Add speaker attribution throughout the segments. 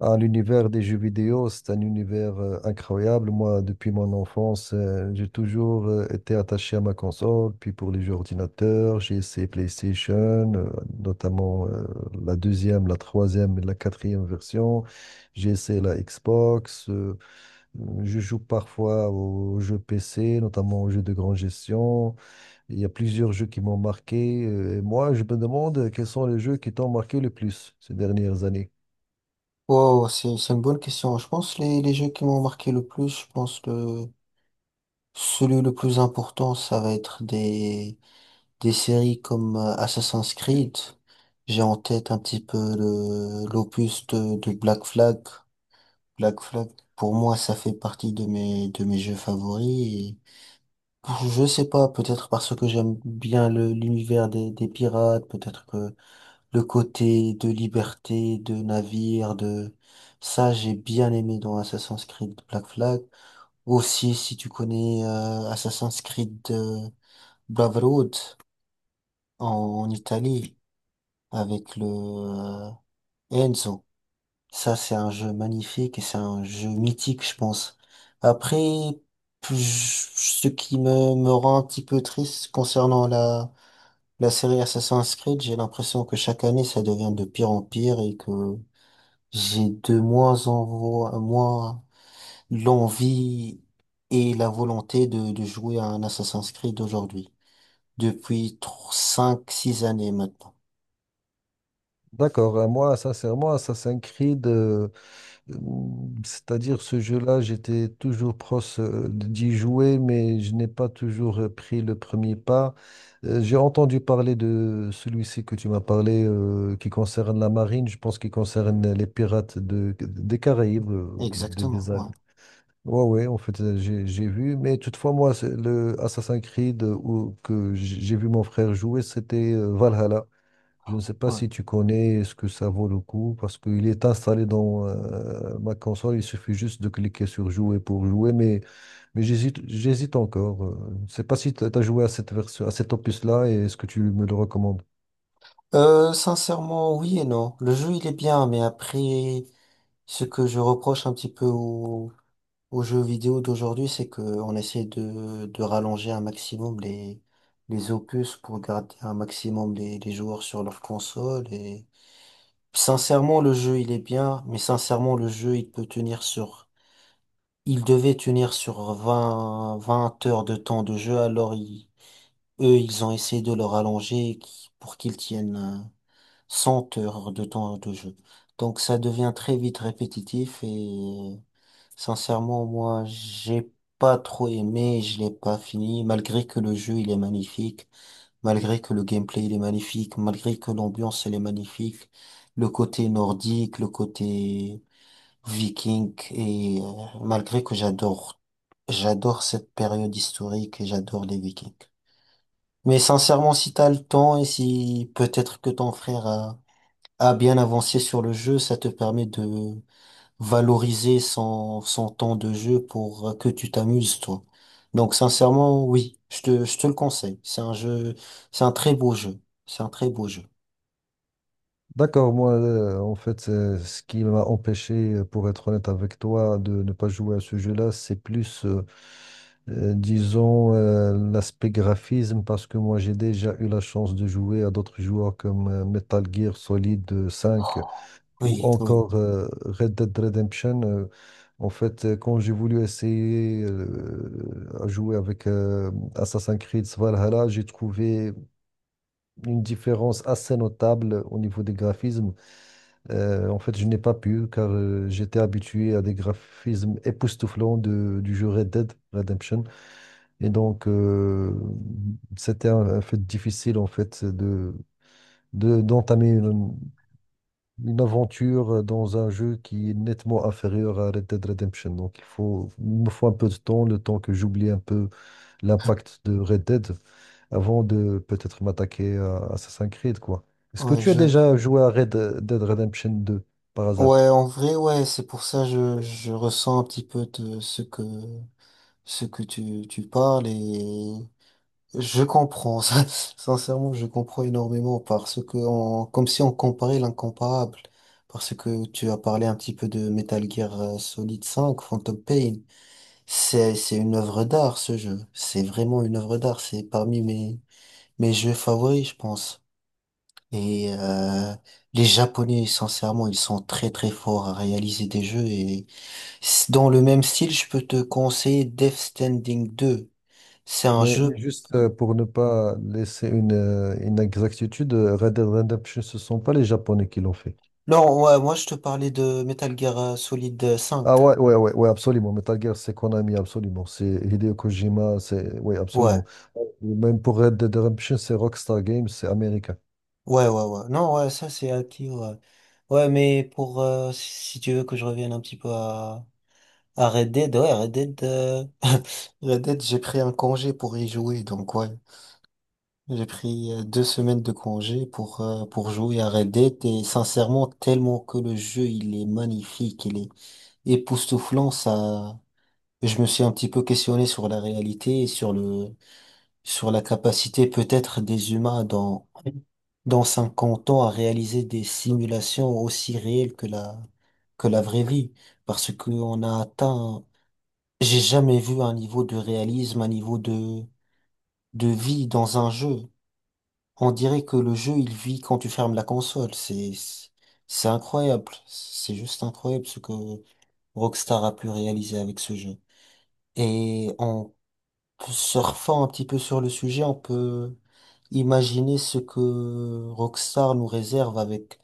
Speaker 1: Ah, l'univers des jeux vidéo, c'est un univers incroyable. Moi, depuis mon enfance, j'ai toujours été attaché à ma console. Puis pour les jeux ordinateurs, j'ai essayé PlayStation, notamment la deuxième, la troisième et la quatrième version. J'ai essayé la Xbox. Je joue parfois aux jeux PC, notamment aux jeux de grande gestion. Il y a plusieurs jeux qui m'ont marqué. Et moi, je me demande quels sont les jeux qui t'ont marqué le plus ces dernières années.
Speaker 2: Wow, c'est une bonne question. Je pense les jeux qui m'ont marqué le plus, je pense le celui le plus important, ça va être des séries comme Assassin's Creed. J'ai en tête un petit peu le l'opus de Black Flag. Black Flag, pour moi, ça fait partie de mes jeux favoris. Et je sais pas, peut-être parce que j'aime bien le l'univers des pirates, peut-être que le côté de liberté, de navire, de. Ça, j'ai bien aimé dans Assassin's Creed Black Flag. Aussi, si tu connais Assassin's Creed Brotherhood en, en Italie, avec le Enzo. Ça, c'est un jeu magnifique et c'est un jeu mythique, je pense. Après, ce qui me rend un petit peu triste concernant la série Assassin's Creed, j'ai l'impression que chaque année, ça devient de pire en pire et que j'ai de moins moins l'envie et la volonté de jouer à un Assassin's Creed aujourd'hui. Depuis 5 six années maintenant.
Speaker 1: D'accord. Moi sincèrement, Assassin's Creed, euh, c'est-à-dire ce jeu-là, j'étais toujours proche d'y jouer, mais je n'ai pas toujours pris le premier pas. J'ai entendu parler de celui-ci que tu m'as parlé, qui concerne la marine, je pense qu'il concerne les pirates de, des Caraïbes, des,
Speaker 2: Exactement, ouais,
Speaker 1: Ouais, ouais, en fait, j'ai vu, mais toutefois, moi, c'est le Assassin's Creed que j'ai vu mon frère jouer, c'était Valhalla. Je ne sais pas
Speaker 2: ouais.
Speaker 1: si tu connais ce que ça vaut le coup parce qu'il est installé dans ma console. Il suffit juste de cliquer sur jouer pour jouer, mais j'hésite encore. Je ne sais pas si tu as joué à cette version, à cet opus-là et est-ce que tu me le recommandes?
Speaker 2: Sincèrement, oui et non. Le jeu, il est bien, mais après, ce que je reproche un petit peu aux jeux vidéo d'aujourd'hui, c'est qu'on essaie de rallonger un maximum les opus pour garder un maximum les joueurs sur leur console. Et sincèrement, le jeu, il est bien, mais sincèrement, le jeu, il peut tenir sur. Il devait tenir sur vingt heures de temps de jeu, alors eux, ils ont essayé de le rallonger pour qu'il tienne 100 heures de temps de jeu. Donc ça devient très vite répétitif et sincèrement, moi, j'ai pas trop aimé, je l'ai pas fini, malgré que le jeu, il est magnifique. Malgré que le gameplay il est magnifique, malgré que l'ambiance elle est magnifique, le côté nordique, le côté viking, et malgré que j'adore cette période historique et j'adore les vikings. Mais sincèrement, si t'as le temps et si peut-être que ton frère a bien avancé sur le jeu, ça te permet de valoriser son temps de jeu pour que tu t'amuses, toi. Donc, sincèrement, oui, je te le conseille. C'est un jeu, c'est un très beau jeu. C'est un très beau jeu.
Speaker 1: D'accord, moi, en fait, ce qui m'a empêché, pour être honnête avec toi, de ne pas jouer à ce jeu-là, c'est plus, disons, l'aspect graphisme, parce que moi, j'ai déjà eu la chance de jouer à d'autres joueurs comme Metal Gear Solid 5 ou
Speaker 2: Oui, oui.
Speaker 1: encore Red Dead Redemption. En fait, quand j'ai voulu essayer à jouer avec Assassin's Creed Valhalla, j'ai trouvé une différence assez notable au niveau des graphismes. En fait, je n'ai pas pu car j'étais habitué à des graphismes époustouflants du jeu Red Dead Redemption. Et donc, c'était un fait difficile en fait de, d'entamer une aventure dans un jeu qui est nettement inférieur à Red Dead Redemption. Donc, il faut, il me faut un peu de temps, le temps que j'oublie un peu l'impact de Red Dead avant de peut-être m'attaquer à Assassin's Creed, quoi. Est-ce que
Speaker 2: Ouais,
Speaker 1: tu as déjà joué à Red Dead Redemption 2 par hasard?
Speaker 2: ouais, en vrai, ouais, c'est pour ça je ressens un petit peu de ce que tu parles. Et je comprends, ça. Sincèrement, je comprends énormément parce que, comme si on comparait l'incomparable, parce que tu as parlé un petit peu de Metal Gear Solid 5, Phantom Pain, c'est une œuvre d'art, ce jeu, c'est vraiment une œuvre d'art, c'est parmi mes jeux favoris, je pense. Et les Japonais, sincèrement, ils sont très très forts à réaliser des jeux et dans le même style, je peux te conseiller Death Standing 2, c'est un
Speaker 1: Mais
Speaker 2: jeu.
Speaker 1: juste pour ne pas laisser une exactitude, Red Dead Redemption, ce ne sont pas les Japonais qui l'ont fait.
Speaker 2: Non, ouais, moi je te parlais de Metal Gear Solid 5.
Speaker 1: Ah ouais, ouais, ouais, ouais, absolument. Metal Gear, c'est Konami, absolument. C'est Hideo Kojima, c'est… Oui, absolument.
Speaker 2: Ouais,
Speaker 1: Même pour Red Dead Redemption, c'est Rockstar Games, c'est américain.
Speaker 2: ouais, ouais, ouais. Non, ouais, ça c'est acquis, ouais. Ouais, mais si tu veux que je revienne un petit peu à Red Dead, ouais, Red Dead, Red Dead, j'ai pris un congé pour y jouer, donc ouais. J'ai pris 2 semaines de congé pour jouer à Red Dead et sincèrement, tellement que le jeu, il est magnifique, il est époustouflant, ça, je me suis un petit peu questionné sur la réalité et sur la capacité peut-être des humains dans 50 ans à réaliser des simulations aussi réelles que la vraie vie. Parce qu'on a atteint, j'ai jamais vu un niveau de réalisme, un niveau de vie dans un jeu. On dirait que le jeu, il vit quand tu fermes la console. C'est incroyable. C'est juste incroyable ce que Rockstar a pu réaliser avec ce jeu. Et on Surfant un petit peu sur le sujet, on peut imaginer ce que Rockstar nous réserve avec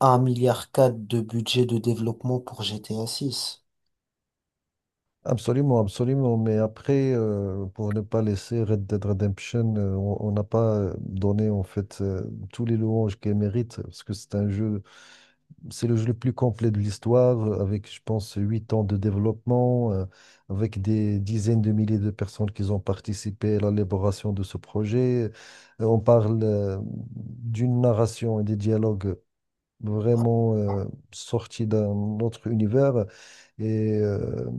Speaker 2: 1,4 milliard de budget de développement pour GTA 6.
Speaker 1: Absolument, absolument. Mais après, pour ne pas laisser Red Dead Redemption, on n'a pas donné en fait tous les louanges qu'elle mérite, parce que c'est un jeu, c'est le jeu le plus complet de l'histoire, avec, je pense, 8 ans de développement, avec des dizaines de milliers de personnes qui ont participé à l'élaboration de ce projet. On parle d'une narration et des dialogues vraiment
Speaker 2: Ouais.
Speaker 1: sorti d'un autre univers. Et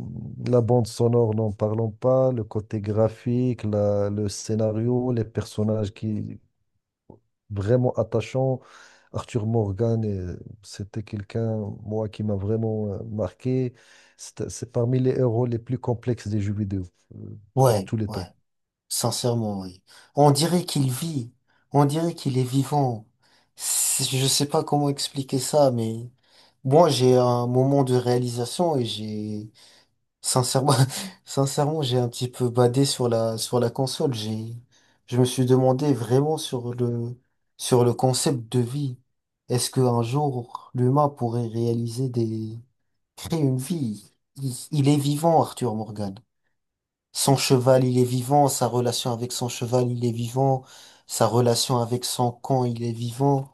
Speaker 1: la bande sonore, n'en parlons pas, le côté graphique, le scénario, les personnages qui vraiment attachants. Arthur Morgan, c'était quelqu'un, moi, qui m'a vraiment marqué. C'est parmi les héros les plus complexes des jeux vidéo euh, de
Speaker 2: Ouais,
Speaker 1: tous les
Speaker 2: ouais,
Speaker 1: temps.
Speaker 2: sincèrement, oui. On dirait qu'il vit, on dirait qu'il est vivant. Je sais pas comment expliquer ça, mais moi j'ai un moment de réalisation et j'ai Sincèrement, sincèrement, j'ai un petit peu badé sur la console. Je me suis demandé vraiment sur le concept de vie. Est-ce qu'un jour, l'humain pourrait créer une vie? Il est vivant, Arthur Morgan. Son cheval, il est vivant. Sa relation avec son cheval, il est vivant. Sa relation avec son camp, il est vivant.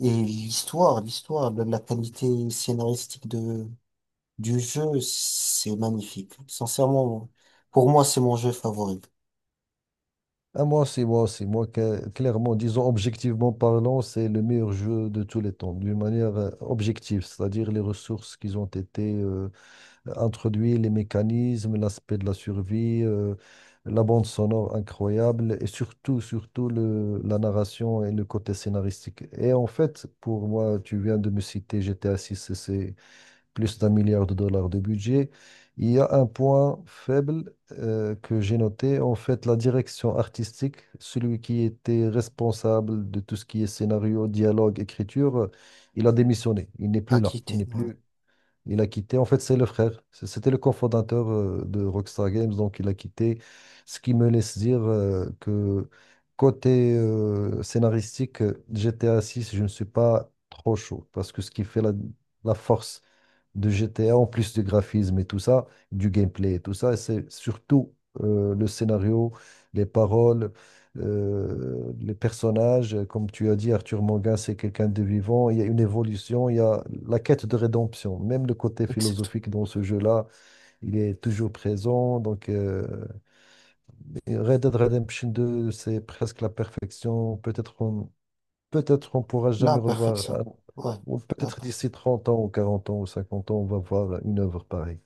Speaker 2: Et l'histoire, la qualité scénaristique de du jeu, c'est magnifique. Sincèrement, pour moi, c'est mon jeu favori.
Speaker 1: Ah, moi aussi, clairement, disons objectivement parlant, c'est le meilleur jeu de tous les temps, d'une manière objective, c'est-à-dire les ressources qui ont été introduites, les mécanismes, l'aspect de la survie, la bande sonore incroyable et surtout, surtout la narration et le côté scénaristique. Et en fait, pour moi, tu viens de me citer GTA 6, c'est plus d'un milliard de dollars de budget. Il y a un point faible que j'ai noté, en fait, la direction artistique, celui qui était responsable de tout ce qui est scénario, dialogue, écriture, il a démissionné, il n'est plus là, il
Speaker 2: Acquitté,
Speaker 1: n'est
Speaker 2: ouais.
Speaker 1: plus, il a quitté. En fait, c'est le frère, c'était le cofondateur de Rockstar Games, donc il a quitté, ce qui me laisse dire que côté scénaristique, GTA 6, je ne suis pas trop chaud parce que ce qui fait la force de GTA, en plus du graphisme et tout ça, du gameplay et tout ça. Et c'est surtout le scénario, les paroles, les personnages. Comme tu as dit, Arthur Morgan, c'est quelqu'un de vivant. Il y a une évolution, il y a la quête de rédemption. Même le côté
Speaker 2: Exactement.
Speaker 1: philosophique dans ce jeu-là, il est toujours présent. Donc, Red Dead Redemption 2, c'est presque la perfection. Peut-être qu'on pourra jamais
Speaker 2: La
Speaker 1: revoir,
Speaker 2: perfection. Ouais.
Speaker 1: ou
Speaker 2: La
Speaker 1: peut-être
Speaker 2: per-
Speaker 1: d'ici 30 ans ou 40 ans ou 50 ans, on va voir une œuvre pareille.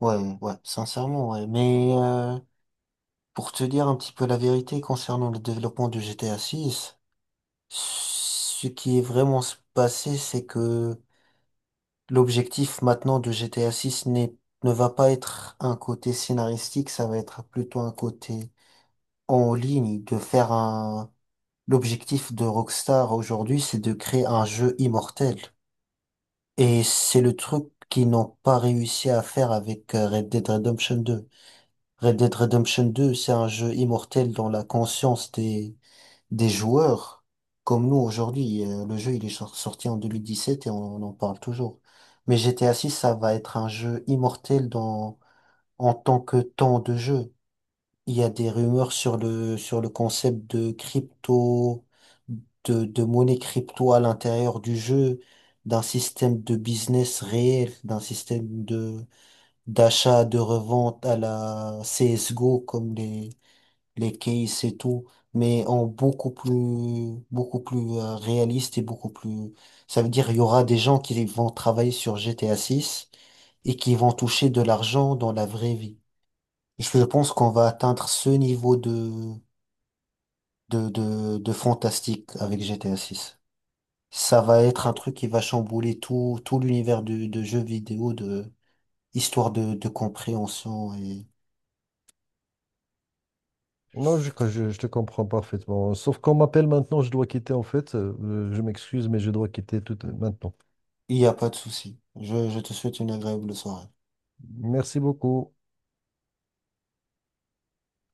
Speaker 2: Ouais, ouais, sincèrement, ouais. Mais pour te dire un petit peu la vérité concernant le développement de GTA 6, ce qui est vraiment se passé, c'est que l'objectif maintenant de GTA 6 n'est, ne va pas être un côté scénaristique, ça va être plutôt un côté en ligne, de faire L'objectif de Rockstar aujourd'hui, c'est de créer un jeu immortel. Et c'est le truc qu'ils n'ont pas réussi à faire avec Red Dead Redemption 2. Red Dead Redemption 2, c'est un jeu immortel dans la conscience des joueurs. Comme nous aujourd'hui, le jeu il est sorti en 2017 et on en parle toujours. Mais GTA 6, ça va être un jeu immortel en tant que temps de jeu. Il y a des rumeurs sur le concept de crypto, de monnaie crypto à l'intérieur du jeu, d'un système de business réel, d'achat, de revente à la CSGO comme les cases et tout, mais en beaucoup plus réaliste et beaucoup plus, ça veut dire il y aura des gens qui vont travailler sur GTA 6 et qui vont toucher de l'argent dans la vraie vie. Je pense qu'on va atteindre ce niveau de fantastique avec GTA 6. Ça va être un truc qui va chambouler tout l'univers de jeux vidéo, de histoire de compréhension et
Speaker 1: Non, je te comprends parfaitement. Sauf qu'on m'appelle maintenant, je dois quitter en fait. Je m'excuse, mais je dois quitter tout maintenant.
Speaker 2: il n'y a pas de souci. Je te souhaite une agréable soirée.
Speaker 1: Merci beaucoup.